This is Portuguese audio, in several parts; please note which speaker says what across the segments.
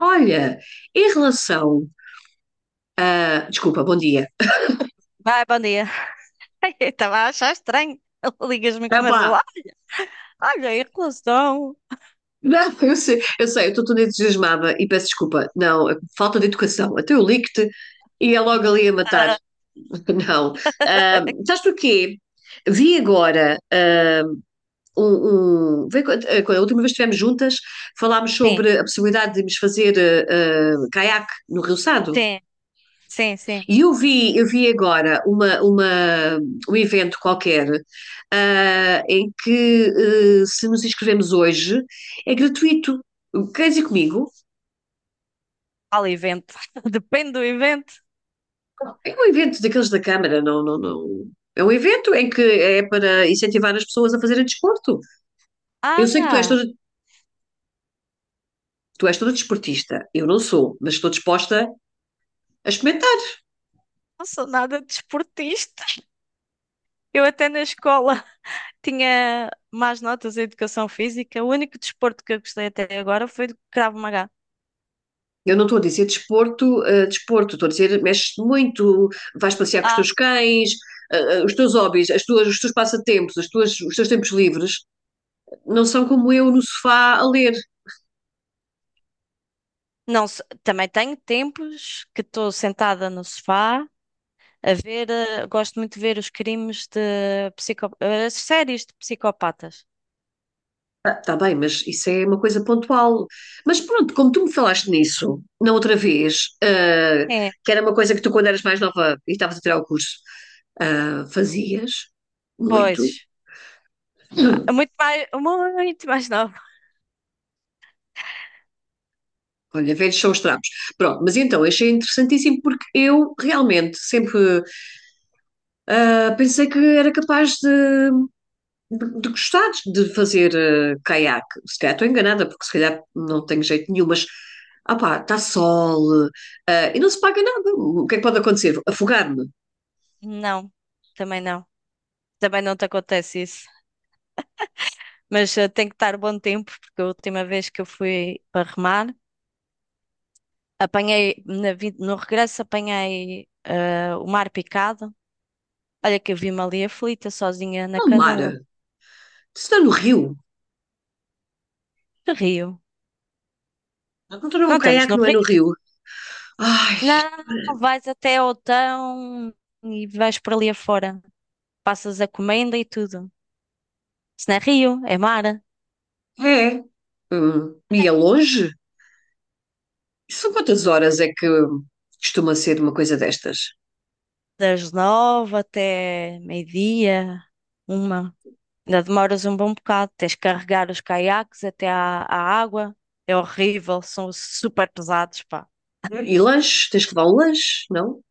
Speaker 1: Olha, em relação a. Desculpa, bom dia.
Speaker 2: Vai, bom dia. Eu estava a achar estranho. Ligas-me e
Speaker 1: Ah,
Speaker 2: começas
Speaker 1: pá,
Speaker 2: lá. Olha, em relação.
Speaker 1: não, eu sei, eu estou toda entusiasmada e peço desculpa. Não, falta de educação. Até eu ligo-te e é logo ali a matar.
Speaker 2: Ah,
Speaker 1: Não. Ah, sabes porquê? Vi agora quando a última vez que estivemos juntas, falámos
Speaker 2: sim,
Speaker 1: sobre a possibilidade de nos fazer caiaque no Rio Sado.
Speaker 2: sim, sim, sim.
Speaker 1: E eu vi agora um evento qualquer, em que, se nos inscrevemos hoje, é gratuito. Queres ir comigo?
Speaker 2: Fala evento. Depende do evento.
Speaker 1: É um evento daqueles da Câmara, não. É um evento em que é para incentivar as pessoas a fazerem desporto. Eu sei que
Speaker 2: Ah,
Speaker 1: tu és toda desportista. Eu não sou, mas estou disposta a experimentar.
Speaker 2: não sou nada desportista. Eu até na escola tinha más notas em educação física. O único desporto que eu gostei até agora foi do Krav Maga.
Speaker 1: Eu não estou a dizer desporto, desporto, estou a dizer mexes-te muito, vais passear com os
Speaker 2: Ah,
Speaker 1: teus cães, os teus hobbies, os teus passatempos, os teus tempos livres, não são como eu no sofá a ler.
Speaker 2: não, também tenho tempos que estou sentada no sofá a ver, gosto muito de ver os crimes de psico, as séries de psicopatas.
Speaker 1: Está bem, mas isso é uma coisa pontual. Mas pronto, como tu me falaste nisso, na outra vez,
Speaker 2: É.
Speaker 1: que era uma coisa que tu, quando eras mais nova e estavas a tirar o curso, fazias muito.
Speaker 2: Pois, ah,
Speaker 1: Hum.
Speaker 2: muito mais, nova.
Speaker 1: Olha, velhos são os trapos. Pronto, mas então achei interessantíssimo porque eu realmente sempre pensei que era capaz de gostar de fazer caiaque. Se calhar estou enganada, porque se calhar não tenho jeito nenhum, mas está sol, e não se paga nada. O que é que pode acontecer? Afogar-me
Speaker 2: Não, também não. Também não te acontece isso. Mas tem que estar bom tempo, porque a última vez que eu fui para remar, apanhei, no regresso apanhei o mar picado. Olha que eu vi-me ali aflita, sozinha na
Speaker 1: no
Speaker 2: canoa.
Speaker 1: mar. Se está no rio.
Speaker 2: Que rio.
Speaker 1: Não estou
Speaker 2: Não
Speaker 1: num
Speaker 2: estamos
Speaker 1: caiaque,
Speaker 2: no
Speaker 1: não é no
Speaker 2: rio.
Speaker 1: rio. Ai,
Speaker 2: Não, vais até ao Tão e vais por ali afora. Passas a comenda e tudo. Se não é rio, é mar.
Speaker 1: é. E é longe? São quantas horas é que costuma ser uma coisa destas?
Speaker 2: Das nove até meio-dia, uma. Ainda demoras um bom bocado. Tens que carregar os caiaques até à água. É horrível, são super pesados, pá.
Speaker 1: E lanche? Tens que levar um lanche, não?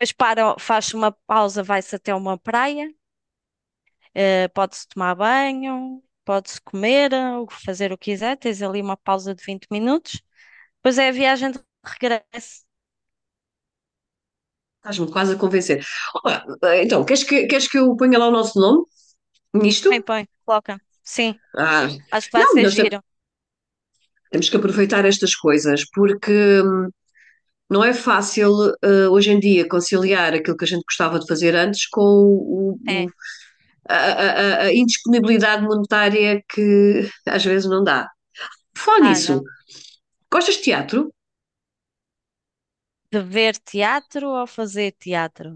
Speaker 2: Depois para, faz uma pausa, vai-se até uma praia. Pode-se tomar banho, pode-se comer, ou fazer o que quiser. Tens ali uma pausa de 20 minutos. Depois é a viagem de regresso.
Speaker 1: Estás-me quase a convencer. Olá, então, queres que eu ponha lá o nosso nome
Speaker 2: Põe,
Speaker 1: nisto?
Speaker 2: põe, coloca. Sim,
Speaker 1: Ah,
Speaker 2: acho que vai
Speaker 1: não,
Speaker 2: ser giro.
Speaker 1: temos que aproveitar estas coisas, porque não é fácil hoje em dia conciliar aquilo que a gente gostava de fazer antes com
Speaker 2: É.
Speaker 1: a indisponibilidade monetária que às vezes não dá. Por falar
Speaker 2: Ah,
Speaker 1: nisso,
Speaker 2: não.
Speaker 1: gostas de teatro?
Speaker 2: De ver teatro ou fazer teatro?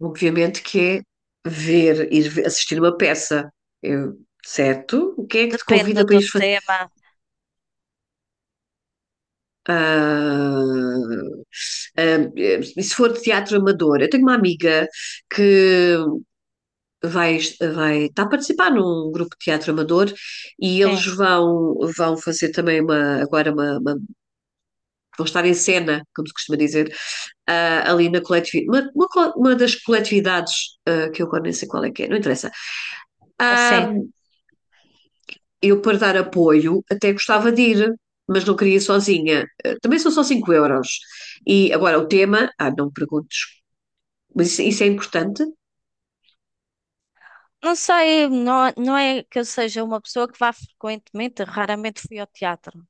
Speaker 1: Obviamente que é ver, assistir uma peça, Eu- certo? O que é que te
Speaker 2: Depende
Speaker 1: convida para
Speaker 2: do
Speaker 1: ir?
Speaker 2: tema.
Speaker 1: Uh, Se for de teatro amador, eu tenho uma amiga que vai, vai está a participar num grupo de teatro amador e eles
Speaker 2: Sim,
Speaker 1: vão fazer também uma, agora uma vão estar em cena, como se costuma dizer, ali na coletividade, uma das coletividades que eu agora nem sei qual é que é, não interessa.
Speaker 2: sim.
Speaker 1: Uh, eu para dar apoio até gostava de ir, mas não queria ir sozinha. Eh, também são só 5 euros. E agora o tema, ah, não me perguntes, mas isso é importante?
Speaker 2: Não sei, não, não é que eu seja uma pessoa que vá frequentemente, raramente fui ao teatro,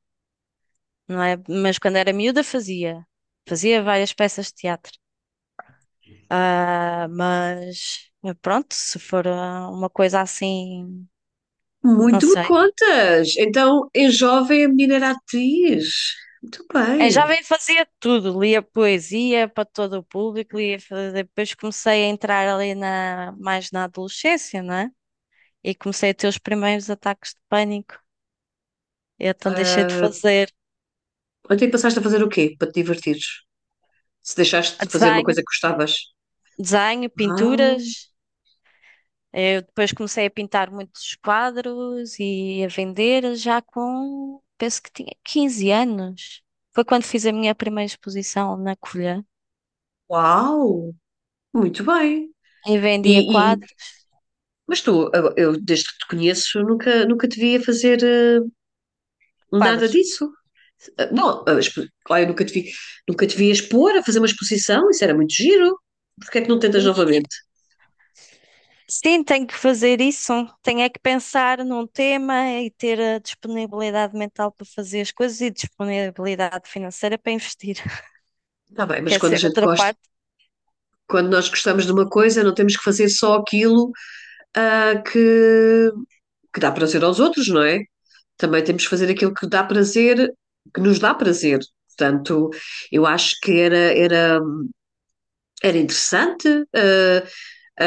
Speaker 2: não é? Mas quando era miúda fazia. Fazia várias peças de teatro. Ah, mas pronto, se for ah, uma coisa assim, não
Speaker 1: Muito me
Speaker 2: sei.
Speaker 1: contas. Então, em jovem, a menina era atriz. Muito
Speaker 2: Em
Speaker 1: bem.
Speaker 2: jovem fazia tudo, lia poesia para todo o público, lia, depois comecei a entrar ali na, mais na adolescência, não é? E comecei a ter os primeiros ataques de pânico. E então deixei de
Speaker 1: Ah,
Speaker 2: fazer
Speaker 1: ontem passaste a fazer o quê para te divertires? Se deixaste de fazer uma
Speaker 2: desenho,
Speaker 1: coisa que gostavas?
Speaker 2: desenho,
Speaker 1: Ah,
Speaker 2: pinturas. Eu depois comecei a pintar muitos quadros e a vender já com, penso que tinha 15 anos. Foi quando fiz a minha primeira exposição na Covilhã
Speaker 1: uau! Muito bem.
Speaker 2: e vendia
Speaker 1: E, e-
Speaker 2: quadros,
Speaker 1: mas tu, eu desde que te conheço, nunca te vi a fazer, nada
Speaker 2: quadros.
Speaker 1: disso. Ah, bom, claro, eu nunca te vi, nunca te vi expor, a fazer uma exposição, isso era muito giro. Porquê é que não tentas
Speaker 2: E
Speaker 1: novamente?
Speaker 2: sim, tenho que fazer isso. Tenho é que pensar num tema e ter a disponibilidade mental para fazer as coisas e disponibilidade financeira para investir.
Speaker 1: Está bem, mas
Speaker 2: Quer
Speaker 1: quando
Speaker 2: ser
Speaker 1: a gente
Speaker 2: outra
Speaker 1: gosta,
Speaker 2: parte.
Speaker 1: quando nós gostamos de uma coisa, não temos que fazer só aquilo ah, que, que dá prazer aos outros, não é? Também temos que fazer aquilo que dá prazer, que nos dá prazer. Portanto, eu acho que era interessante. ah,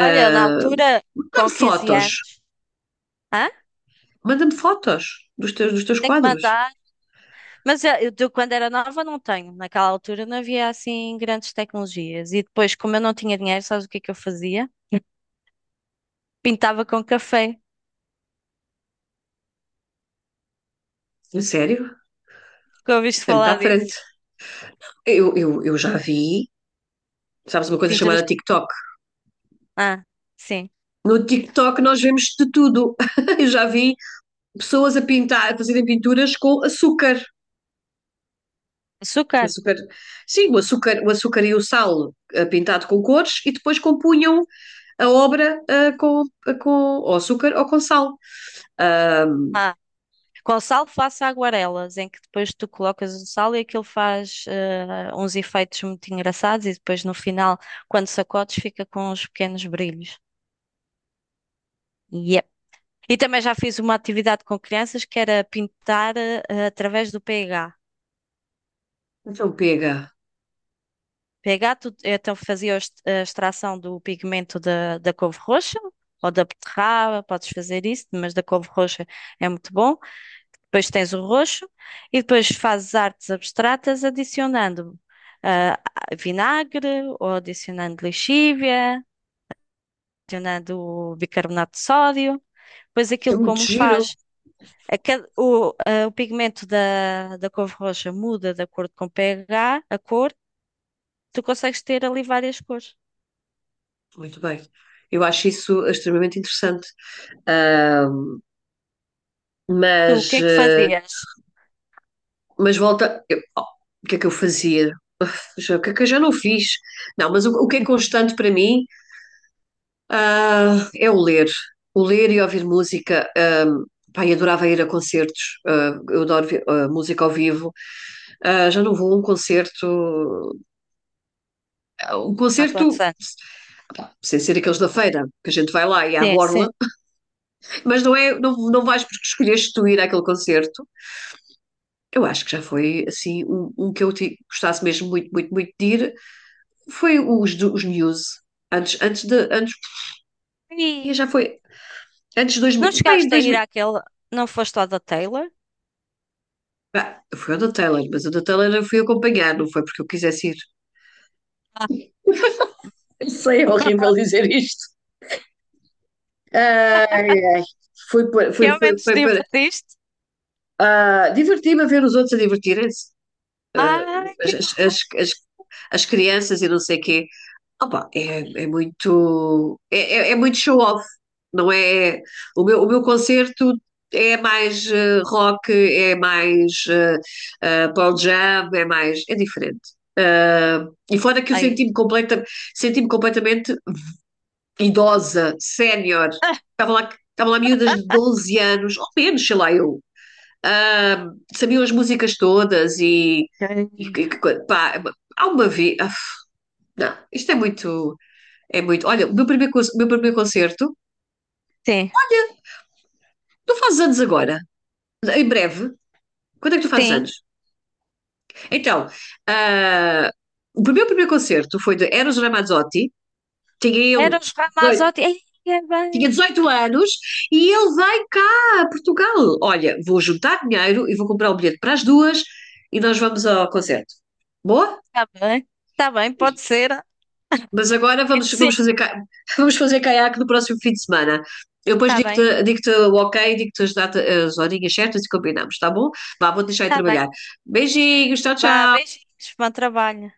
Speaker 2: Olha, eu na altura,
Speaker 1: Manda-me
Speaker 2: com 15
Speaker 1: fotos,
Speaker 2: anos, hã?
Speaker 1: manda-me fotos dos teus
Speaker 2: Tem que
Speaker 1: quadros.
Speaker 2: mandar. Mas eu de quando era nova não tenho. Naquela altura não havia assim grandes tecnologias. E depois, como eu não tinha dinheiro, sabes o que é que eu fazia? Pintava com café.
Speaker 1: A sério?
Speaker 2: Que
Speaker 1: Isso
Speaker 2: ouviste
Speaker 1: é muito
Speaker 2: falar
Speaker 1: à
Speaker 2: disso?
Speaker 1: frente. Eu já vi, sabes, uma coisa
Speaker 2: Pinturas.
Speaker 1: chamada TikTok.
Speaker 2: Ah, sim.
Speaker 1: No TikTok nós vemos de tudo. Eu já vi pessoas a pintar, a fazerem pinturas com açúcar.
Speaker 2: Açúcar.
Speaker 1: Açúcar, sim, o açúcar e o sal, pintado com cores e depois compunham a obra, com ou açúcar ou com sal. Ah,
Speaker 2: Ah. Com sal faço aguarelas, em que depois tu colocas o sal e aquilo faz uns efeitos muito engraçados e depois no final, quando sacodes, fica com uns pequenos brilhos. E também já fiz uma atividade com crianças que era pintar através do pH.
Speaker 1: então pega.
Speaker 2: pH, então fazia a a extração do pigmento da, da couve roxa ou da beterraba, podes fazer isso, mas da couve roxa é muito bom. Depois tens o roxo e depois fazes artes abstratas adicionando ah, vinagre ou adicionando lixívia, adicionando bicarbonato de sódio. Depois
Speaker 1: É
Speaker 2: aquilo
Speaker 1: muito
Speaker 2: como
Speaker 1: giro.
Speaker 2: faz. A cada- o, a- O pigmento da, da couve roxa muda de acordo com o pH, a cor. Tu consegues ter ali várias cores.
Speaker 1: Muito bem. Eu acho isso extremamente interessante. Ah,
Speaker 2: Tu, o que
Speaker 1: mas
Speaker 2: é que
Speaker 1: eh,
Speaker 2: fazias?
Speaker 1: Mas volta. Oh, o que é que eu fazia? O que é que eu já não fiz? Não, mas o que é constante para mim, ah, é o ler. O ler e ouvir música. Pá, eu adorava ir a concertos. Eu adoro música ao vivo. Ah, já não vou a um concerto. A um
Speaker 2: Há quantos
Speaker 1: concerto.
Speaker 2: anos?
Speaker 1: Sem ser aqueles da feira, que a gente vai lá e à
Speaker 2: Sim,
Speaker 1: borla,
Speaker 2: sim.
Speaker 1: mas não é, não, não vais porque escolheste tu ir àquele concerto. Eu acho que já foi assim um que gostasse mesmo muito de ir, foi os Muse. Antes, antes de. Antes, e
Speaker 2: Ih,
Speaker 1: já foi. Antes de
Speaker 2: não
Speaker 1: 2000. Bem,
Speaker 2: chegaste a ir
Speaker 1: 2000.
Speaker 2: àquele. Não foste ao da Taylor?
Speaker 1: Bah, foi o da Taylor, mas o da Taylor eu fui acompanhar, não foi porque eu quisesse ir. Eu sei, é horrível dizer isto. Ai, ai.
Speaker 2: Que ao menos
Speaker 1: Foi para
Speaker 2: divertiste?
Speaker 1: divertir-me a ver os outros a divertirem-se.
Speaker 2: Ai, que
Speaker 1: as, as,
Speaker 2: horror.
Speaker 1: as, as, As crianças e não sei quê. Opa, é muito show off, não é? O meu concerto é mais, rock, é mais Pearl Jam, é mais é diferente. Ah, e fora que
Speaker 2: Ai,
Speaker 1: senti-me completamente idosa, sénior.
Speaker 2: ah,
Speaker 1: Estavam lá miúdas de 12 anos, ou menos, sei lá, sabiam as músicas todas e,
Speaker 2: que-
Speaker 1: pá, há uma vez. Ah, Não, isto é muito. É muito. Olha, o meu primeiro concerto.
Speaker 2: Sim,
Speaker 1: Olha, tu fazes anos agora, em breve. Quando é que tu fazes
Speaker 2: sim.
Speaker 1: anos? Então, ah, o meu primeiro concerto foi de Eros Ramazzotti, tinha ele
Speaker 2: Eram os
Speaker 1: 18,
Speaker 2: Ramazotti. Ai, é
Speaker 1: tinha
Speaker 2: bem.
Speaker 1: 18 anos e ele vem cá a Portugal. Olha, vou juntar dinheiro e vou comprar o bilhete para as duas e nós vamos ao concerto. Boa?
Speaker 2: Está bem. Está bem, pode ser.
Speaker 1: Mas agora vamos
Speaker 2: Sim,
Speaker 1: fazer, vamos fazer caiaque no próximo fim de semana. Eu depois
Speaker 2: está bem.
Speaker 1: digo-te o ok, digo-te as as horinhas certas e combinamos, tá bom? Vá, vou deixar de
Speaker 2: Está bem.
Speaker 1: trabalhar. Beijinhos, tchau,
Speaker 2: Vá,
Speaker 1: tchau.
Speaker 2: beijinhos, bom trabalho.